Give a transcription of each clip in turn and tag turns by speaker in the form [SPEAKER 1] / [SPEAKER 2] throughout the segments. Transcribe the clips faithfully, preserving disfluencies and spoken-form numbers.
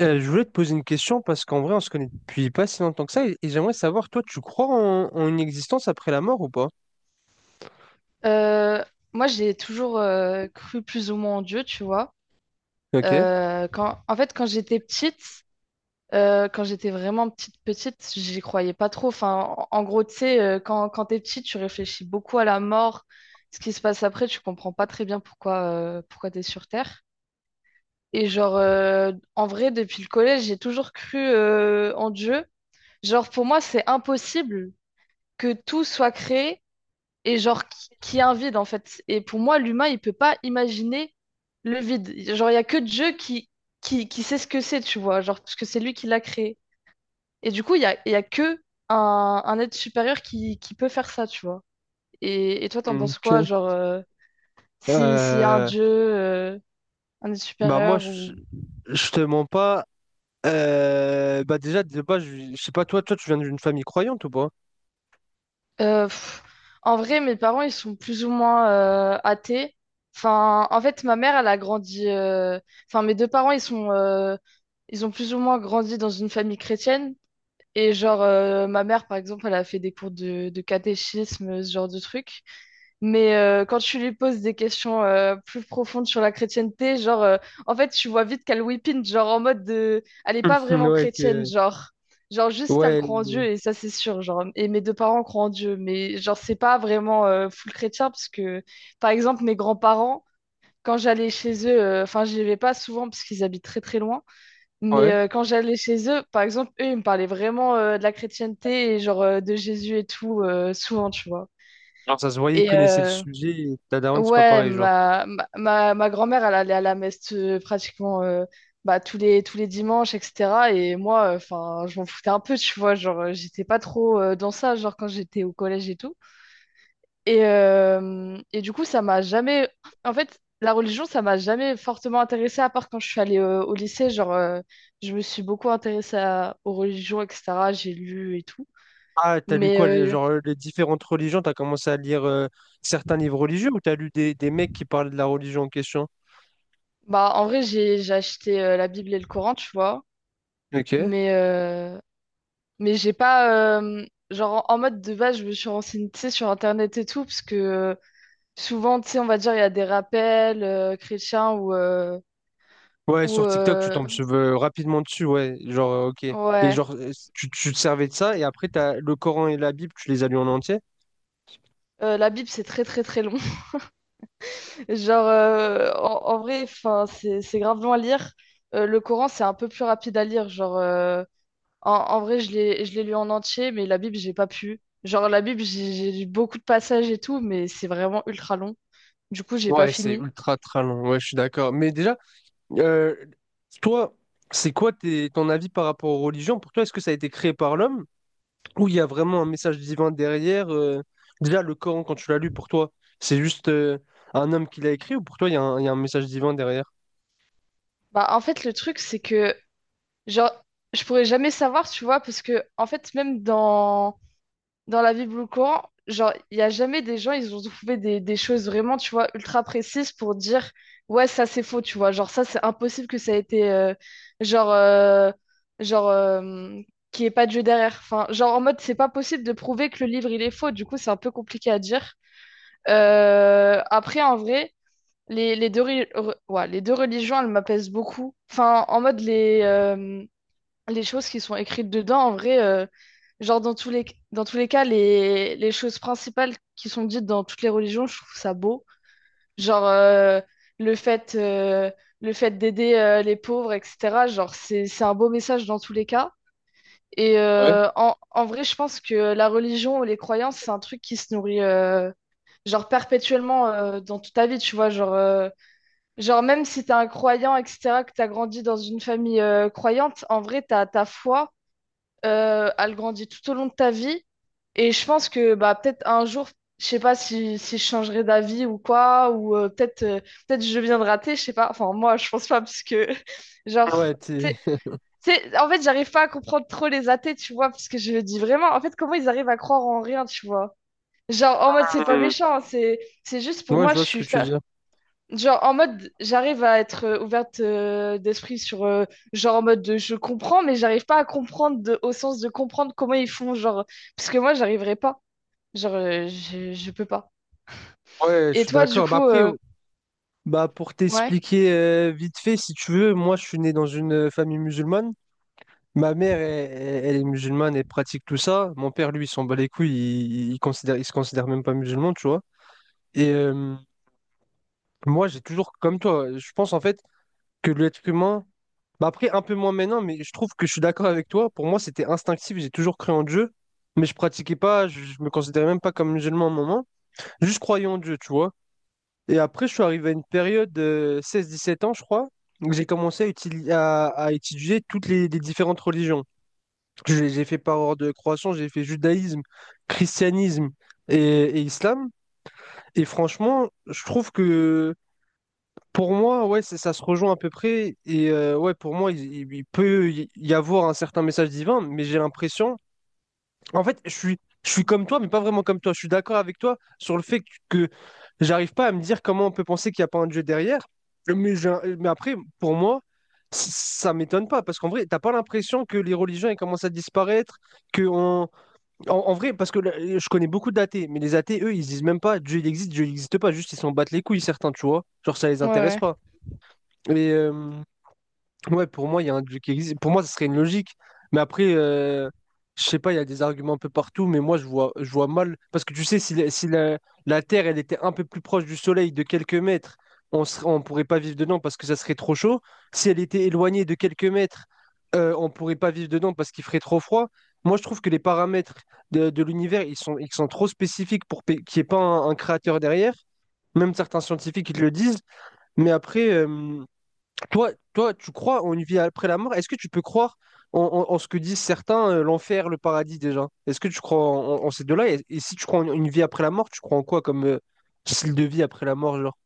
[SPEAKER 1] Euh, je voulais te poser une question parce qu'en vrai, on se connaît depuis pas si longtemps que ça et, et j'aimerais savoir, toi, tu crois en, en une existence après la mort ou pas?
[SPEAKER 2] Euh, Moi, j'ai toujours euh, cru plus ou moins en Dieu, tu vois.
[SPEAKER 1] Ok.
[SPEAKER 2] Euh, quand, en fait, quand j'étais petite, euh, quand j'étais vraiment petite, petite, j'y croyais pas trop. Enfin, en, en gros, tu sais, euh, quand, quand t'es petite, tu réfléchis beaucoup à la mort, ce qui se passe après, tu comprends pas très bien pourquoi, euh, pourquoi t'es sur Terre. Et genre, euh, en vrai, depuis le collège, j'ai toujours cru euh, en Dieu. Genre, pour moi, c'est impossible que tout soit créé et genre qui, qui est un vide en fait. Et pour moi, l'humain, il peut pas imaginer le vide. Genre, il y a que Dieu qui, qui, qui sait ce que c'est, tu vois, genre, parce que c'est lui qui l'a créé. Et du coup, il y a, il y a que un, un être supérieur qui, qui peut faire ça, tu vois. Et, et toi, t'en penses quoi,
[SPEAKER 1] Ok.
[SPEAKER 2] genre, euh, si, s'il y a un
[SPEAKER 1] Euh,
[SPEAKER 2] Dieu, euh, un être
[SPEAKER 1] bah moi,
[SPEAKER 2] supérieur
[SPEAKER 1] je,
[SPEAKER 2] ou.
[SPEAKER 1] je te mens pas. Euh, bah déjà, de base, je, je sais pas, toi, toi, tu viens d'une famille croyante ou pas?
[SPEAKER 2] Euh, pff, En vrai, mes parents, ils sont plus ou moins euh, athées. Enfin, en fait, ma mère, elle a grandi. euh, Enfin, mes deux parents, ils sont, euh, ils ont plus ou moins grandi dans une famille chrétienne. Et genre, euh, ma mère, par exemple, elle a fait des cours de, de catéchisme, ce genre de truc. Mais euh, quand tu lui poses des questions euh, plus profondes sur la chrétienté, genre, euh, en fait, tu vois vite qu'elle whippine, genre en mode de, elle est pas vraiment
[SPEAKER 1] Ouais,
[SPEAKER 2] chrétienne,
[SPEAKER 1] que...
[SPEAKER 2] genre, genre juste elle croit en
[SPEAKER 1] ouais,
[SPEAKER 2] Dieu et ça c'est sûr, genre, et mes deux parents croient en Dieu, mais genre c'est pas vraiment euh, full chrétien parce que, par exemple, mes grands-parents, quand j'allais chez eux, euh, enfin, j'y vais pas souvent parce qu'ils habitent très très loin, mais
[SPEAKER 1] ouais.
[SPEAKER 2] euh, quand j'allais chez eux, par exemple, eux, ils me parlaient vraiment euh, de la chrétienté et genre euh, de Jésus et tout, euh, souvent, tu vois.
[SPEAKER 1] Genre, ça se voyait, il
[SPEAKER 2] Et,
[SPEAKER 1] connaissait le
[SPEAKER 2] euh,
[SPEAKER 1] sujet, et ta daronne, c'est pas
[SPEAKER 2] Ouais,
[SPEAKER 1] pareil, genre.
[SPEAKER 2] ma, ma, ma ma grand-mère, elle allait à la messe euh, pratiquement euh, bah, tous les, tous les dimanches, et cetera. Et moi, enfin, je m'en foutais un peu, tu vois. Genre, euh, j'étais pas trop euh, dans ça, genre quand j'étais au collège et tout. Et, euh, et du coup, ça m'a jamais. En fait, la religion, ça m'a jamais fortement intéressée, à part quand je suis allée euh, au lycée. Genre, euh, je me suis beaucoup intéressée à- aux religions, et cetera. J'ai lu et tout.
[SPEAKER 1] Ah, t'as lu
[SPEAKER 2] Mais
[SPEAKER 1] quoi, les-
[SPEAKER 2] euh,
[SPEAKER 1] genre, euh, les différentes religions, t'as commencé à lire euh, certains livres religieux ou t'as lu des, des mecs qui parlent de la religion en question?
[SPEAKER 2] bah, en vrai, j'ai, j'ai acheté euh, la Bible et le Coran, tu vois.
[SPEAKER 1] Ok.
[SPEAKER 2] Mais. euh, Mais j'ai pas. euh, genre, en en mode de base, je me suis renseignée, tu sais, sur Internet et tout, parce que euh, souvent, tu sais, on va dire, il y a des rappels euh, chrétiens ou. Euh,
[SPEAKER 1] Ouais,
[SPEAKER 2] ou
[SPEAKER 1] sur TikTok, tu
[SPEAKER 2] euh,
[SPEAKER 1] tombes sur- euh, rapidement dessus, ouais, genre, euh, ok. Et
[SPEAKER 2] ouais.
[SPEAKER 1] genre, euh, tu, tu te servais de ça, et après, t'as le Coran et la Bible, tu les as lus en entier?
[SPEAKER 2] Euh, la Bible, c'est très, très, très long. Genre, euh, en, en vrai, enfin, c'est, c'est grave long à lire. Euh, le Coran, c'est un peu plus rapide à lire. Genre, euh, en, en vrai, je l'ai, je l'ai lu en entier, mais la Bible, j'ai pas pu. Genre, la Bible, j'ai j'ai lu beaucoup de passages et tout, mais c'est vraiment ultra long. Du coup, j'ai pas
[SPEAKER 1] Ouais, c'est
[SPEAKER 2] fini.
[SPEAKER 1] ultra très long, ouais, je suis d'accord. Mais déjà, euh, toi, c'est quoi tes- ton avis par rapport aux religions? Pour toi, est-ce que ça a été créé par l'homme où il y a vraiment un message divin derrière. Euh, déjà, le Coran, quand tu l'as lu, pour toi, c'est juste euh, un homme qui l'a écrit ou pour toi, il y a un, il y a un message divin derrière?
[SPEAKER 2] Bah, en fait, le truc, c'est que Genre, je pourrais jamais savoir, tu vois, parce que, en fait, même dans, dans la vie Blue Coran, genre, il n'y a jamais des gens, ils ont trouvé des, des choses vraiment, tu vois, ultra précises pour dire, ouais, ça c'est faux, tu vois, genre, ça c'est impossible que ça ait été, euh, genre, euh, genre, euh, qu'il n'y ait pas de jeu derrière. Enfin, genre, en mode, c'est pas possible de prouver que le livre il est faux, du coup, c'est un peu compliqué à dire. Euh, après, en vrai, les, les deux, ri- re- ouais, les deux religions, elles m'apaisent beaucoup. Enfin, en mode, les. euh, les choses qui sont écrites dedans, en vrai, euh, genre dans tous les, dans tous les cas, les, les choses principales qui sont dites dans toutes les religions, je trouve ça beau. Genre euh, le fait, euh, le fait d'aider euh, les pauvres, et cetera. Genre c'est, c'est un beau message dans tous les cas. Et
[SPEAKER 1] Ouais.
[SPEAKER 2] euh, en, en vrai, je pense que la religion ou les croyances, c'est un truc qui se nourrit euh, genre perpétuellement euh, dans toute ta vie, tu vois. Genre, euh, genre même si t'es un croyant, et cetera, que t'as grandi dans une famille euh, croyante, en vrai, ta ta foi euh, elle grandit tout au long de ta vie. Et je pense que bah, peut-être un jour, je sais pas si, si je changerai d'avis ou quoi, ou euh, peut-être euh, peut-être je viens de rater, je sais pas. Enfin, moi, je pense pas, parce que, genre,
[SPEAKER 1] Ouais,
[SPEAKER 2] tu
[SPEAKER 1] t'es-
[SPEAKER 2] sais- tu sais, en fait, j'arrive pas à comprendre trop les athées, tu vois, parce que je me dis vraiment, en fait, comment ils arrivent à croire en rien, tu vois. Genre, en mode, c'est pas
[SPEAKER 1] Hmm.
[SPEAKER 2] méchant, hein, c'est c'est juste pour
[SPEAKER 1] Ouais, je
[SPEAKER 2] moi, je
[SPEAKER 1] vois ce
[SPEAKER 2] suis,
[SPEAKER 1] que tu veux dire.
[SPEAKER 2] genre en mode, j'arrive à être euh, ouverte euh, d'esprit sur, euh, genre en mode, de, je comprends, mais j'arrive pas à comprendre de- au sens de comprendre comment ils font, genre, parce que moi, j'arriverai pas, genre, euh, je, je peux pas.
[SPEAKER 1] Ouais, je
[SPEAKER 2] Et
[SPEAKER 1] suis
[SPEAKER 2] toi, du
[SPEAKER 1] d'accord. Bah
[SPEAKER 2] coup,
[SPEAKER 1] après,
[SPEAKER 2] euh,
[SPEAKER 1] oh, bah pour
[SPEAKER 2] ouais,
[SPEAKER 1] t'expliquer euh, vite fait, si tu veux, moi je suis né dans une euh, famille musulmane. Ma mère, elle, elle- elle est musulmane, elle pratique tout ça. Mon père, lui, il s'en bat les couilles, il, il considère, il se considère même pas musulman, tu vois. Et euh, moi, j'ai toujours, comme toi, je pense en fait, que l'être humain. Bah après, un peu moins maintenant, mais je trouve que je suis d'accord avec toi. Pour moi, c'était instinctif, j'ai toujours cru en Dieu, mais je pratiquais pas, je, je me considérais même pas comme musulman à un moment. Juste croyais en Dieu, tu vois. Et après, je suis arrivé à une période de seize dix-sept ans, je crois, où j'ai commencé à, utili- à, à étudier toutes les, les différentes religions. J'ai j'ai fait par ordre de croissance, j'ai fait judaïsme, christianisme et, et islam. Et franchement, je trouve que pour moi, ouais, c'est- ça se rejoint à peu près. Et euh, ouais, pour moi, il, il- il peut y y avoir un certain message divin, mais j'ai l'impression. En fait, je suis, je suis comme toi, mais pas vraiment comme toi. Je suis d'accord avec toi sur le fait que j'arrive pas à me dire comment on peut penser qu'il n'y a pas un Dieu derrière. Mais, j'ai un- mais après, pour moi, c- ça m'étonne pas. Parce qu'en vrai, t'as pas l'impression que les religions elles commencent à disparaître, que on... en, en vrai, parce que là, je connais beaucoup d'athées, mais les athées, eux, ils se disent même pas Dieu il existe, Dieu il n'existe pas, juste ils s'en battent les couilles, certains, tu vois. Genre, ça les
[SPEAKER 2] ouais,
[SPEAKER 1] intéresse
[SPEAKER 2] ouais.
[SPEAKER 1] pas. Mais euh, ouais, pour moi, il y a un dieu qui existe. Pour moi, ce serait une logique. Mais après, euh, je sais pas, il y a des arguments un peu partout, mais moi, je vois, je vois mal. Parce que tu sais, si, la, si la- la Terre, elle était un peu plus proche du Soleil de quelques mètres, on serait, on pourrait pas vivre dedans parce que ça serait trop chaud. Si elle était éloignée de quelques mètres, euh, on pourrait pas vivre dedans parce qu'il ferait trop froid. Moi, je trouve que les paramètres de, de l'univers, ils sont, ils sont trop spécifiques pour pe- qu'il n'y ait pas un, un créateur derrière. Même certains scientifiques, ils le disent. Mais après... euh, toi, toi, tu crois en une vie après la mort? Est-ce que tu peux croire en, en- en ce que disent certains, euh, l'enfer, le paradis déjà? Est-ce que tu crois en, en- en ces deux-là? Et, et si tu crois en une vie après la mort, tu crois en quoi comme euh, style de vie après la mort, genre?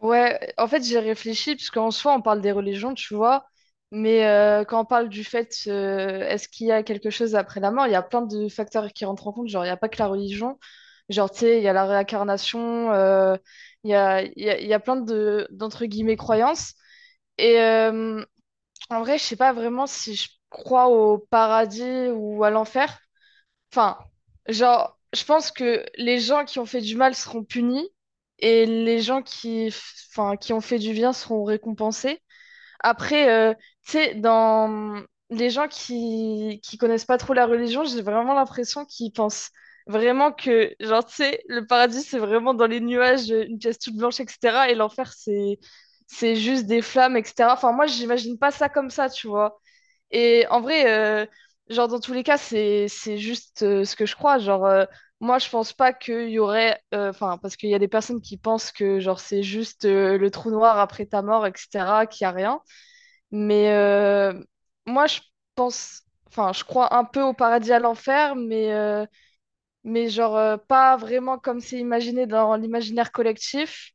[SPEAKER 2] Ouais, en fait, j'ai réfléchi, parce qu'en soi, on parle des religions, tu vois, mais euh, quand on parle du fait, euh, est-ce qu'il y a quelque chose après la mort, il y a plein de facteurs qui rentrent en compte, genre, il n'y a pas que la religion, genre, tu sais, il y a la réincarnation, euh, il y a, il y a, il y a plein de, d'entre guillemets, croyances, et euh, en vrai, je sais pas vraiment si je crois au paradis ou à l'enfer. Enfin, genre, je pense que les gens qui ont fait du mal seront punis et les gens qui, enfin, qui ont fait du bien seront récompensés. Après, euh, tu sais, dans les gens qui, qui connaissent pas trop la religion, j'ai vraiment l'impression qu'ils pensent vraiment que, genre, tu sais, le paradis, c'est vraiment dans les nuages, une pièce toute blanche, et cetera. Et l'enfer, c'est, c'est juste des flammes, et cetera. Enfin, moi, j'imagine pas ça comme ça, tu vois. Et en vrai, euh, genre dans tous les cas, c'est c'est juste euh, ce que je crois. Genre, euh, moi, je pense pas qu'il y aurait, euh, enfin, parce qu'il y a des personnes qui pensent que genre c'est juste euh, le trou noir après ta mort, et cetera, qu'il y a rien. Mais euh, moi, je pense, enfin, je crois un peu au paradis à l'enfer, mais euh, mais genre euh, pas vraiment comme c'est imaginé dans l'imaginaire collectif.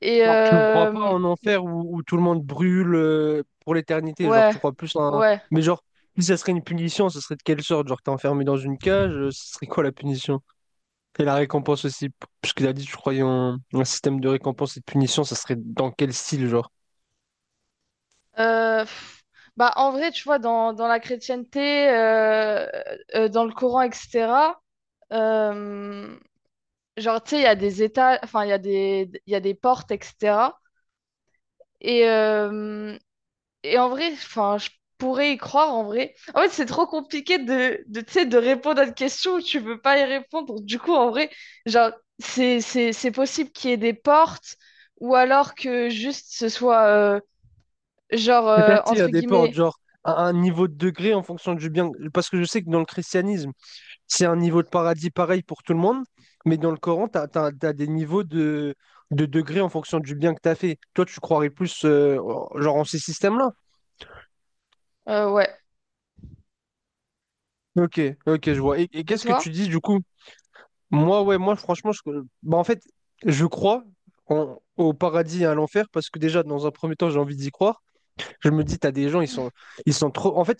[SPEAKER 2] Et
[SPEAKER 1] Genre, tu ne crois pas
[SPEAKER 2] euh,
[SPEAKER 1] en enfer où, où tout le monde brûle euh, pour l'éternité, genre
[SPEAKER 2] ouais,
[SPEAKER 1] tu crois plus en... un-
[SPEAKER 2] ouais.
[SPEAKER 1] Mais genre, si ça serait une punition, ce serait de quelle sorte? Genre, t'es enfermé dans une cage, euh, ce serait quoi la punition? Et la récompense aussi, p- puisque tu as dit que tu croyais en en un système de récompense et de punition, ça serait dans quel style, genre?
[SPEAKER 2] Euh, pff, Bah, en vrai, tu vois, dans, dans la chrétienté, euh, euh, dans le Coran, et cetera, euh, genre, tu sais, il y a des états, enfin, il y a des, il y a des portes, et cetera. Et, euh, et en vrai, enfin, je pourrais y croire, en vrai. En fait, c'est trop compliqué de, de, tu sais, de répondre à une question où tu peux pas y répondre. Du coup, en vrai, genre, c'est, c'est, c'est possible qu'il y ait des portes ou alors que juste ce soit, euh, genre, euh,
[SPEAKER 1] C'est-à-dire
[SPEAKER 2] entre
[SPEAKER 1] des portes,
[SPEAKER 2] guillemets,
[SPEAKER 1] genre à un niveau de degré en fonction du bien. Parce que je sais que dans le christianisme, c'est un niveau de paradis pareil pour tout le monde, mais dans le Coran, tu as, des niveaux de, de degré en fonction du bien que tu as fait. Toi, tu croirais plus euh, genre en ces systèmes-là?
[SPEAKER 2] euh, ouais.
[SPEAKER 1] Ok, ok, je vois. Et, et
[SPEAKER 2] Et
[SPEAKER 1] qu'est-ce que
[SPEAKER 2] toi?
[SPEAKER 1] tu dis du coup? Moi, ouais, moi, franchement, je... bah, en fait, je crois en- au paradis et à l'enfer parce que déjà, dans un premier temps, j'ai envie d'y croire. Je me dis, t'as des gens, ils sont, ils sont trop. En fait,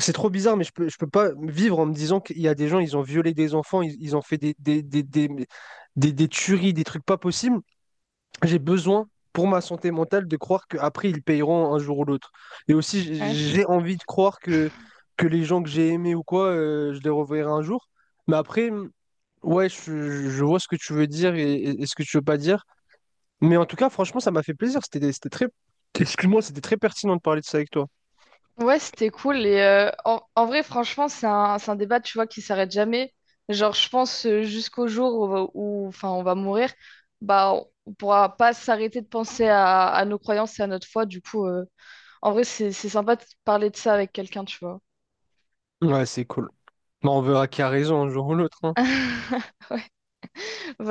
[SPEAKER 1] c'est trop bizarre, mais je peux, je peux pas vivre en me disant qu'il y a des gens, ils ont violé des enfants, ils, ils ont fait des, des, des, des, des- des tueries, des trucs pas possibles. J'ai besoin, pour ma santé mentale, de croire qu'après, ils paieront un jour ou l'autre. Et aussi,
[SPEAKER 2] Ouais,
[SPEAKER 1] j- j'ai envie de croire que, que les gens que j'ai aimés ou quoi, euh, je les reverrai un jour. Mais après, ouais, je, je vois ce que tu veux dire et, et- et ce que tu veux pas dire. Mais en tout cas, franchement, ça m'a fait plaisir. C'était, c'était très, excuse-moi, c'était très pertinent de parler de ça avec toi.
[SPEAKER 2] ouais, c'était cool. Et euh, en, en vrai, franchement, c'est un, c'est un débat, tu vois, qui s'arrête jamais. Genre, je pense euh, jusqu'au jour où, on va- où, enfin, on va mourir, bah, on pourra pas s'arrêter de penser à, à nos croyances et à notre foi. Du coup, euh, en vrai, c'est c'est sympa de parler de ça avec quelqu'un, tu vois.
[SPEAKER 1] Ouais, c'est cool. Bon, on verra qui a raison un jour ou l'autre. Hein.
[SPEAKER 2] Ouais. Vas-y.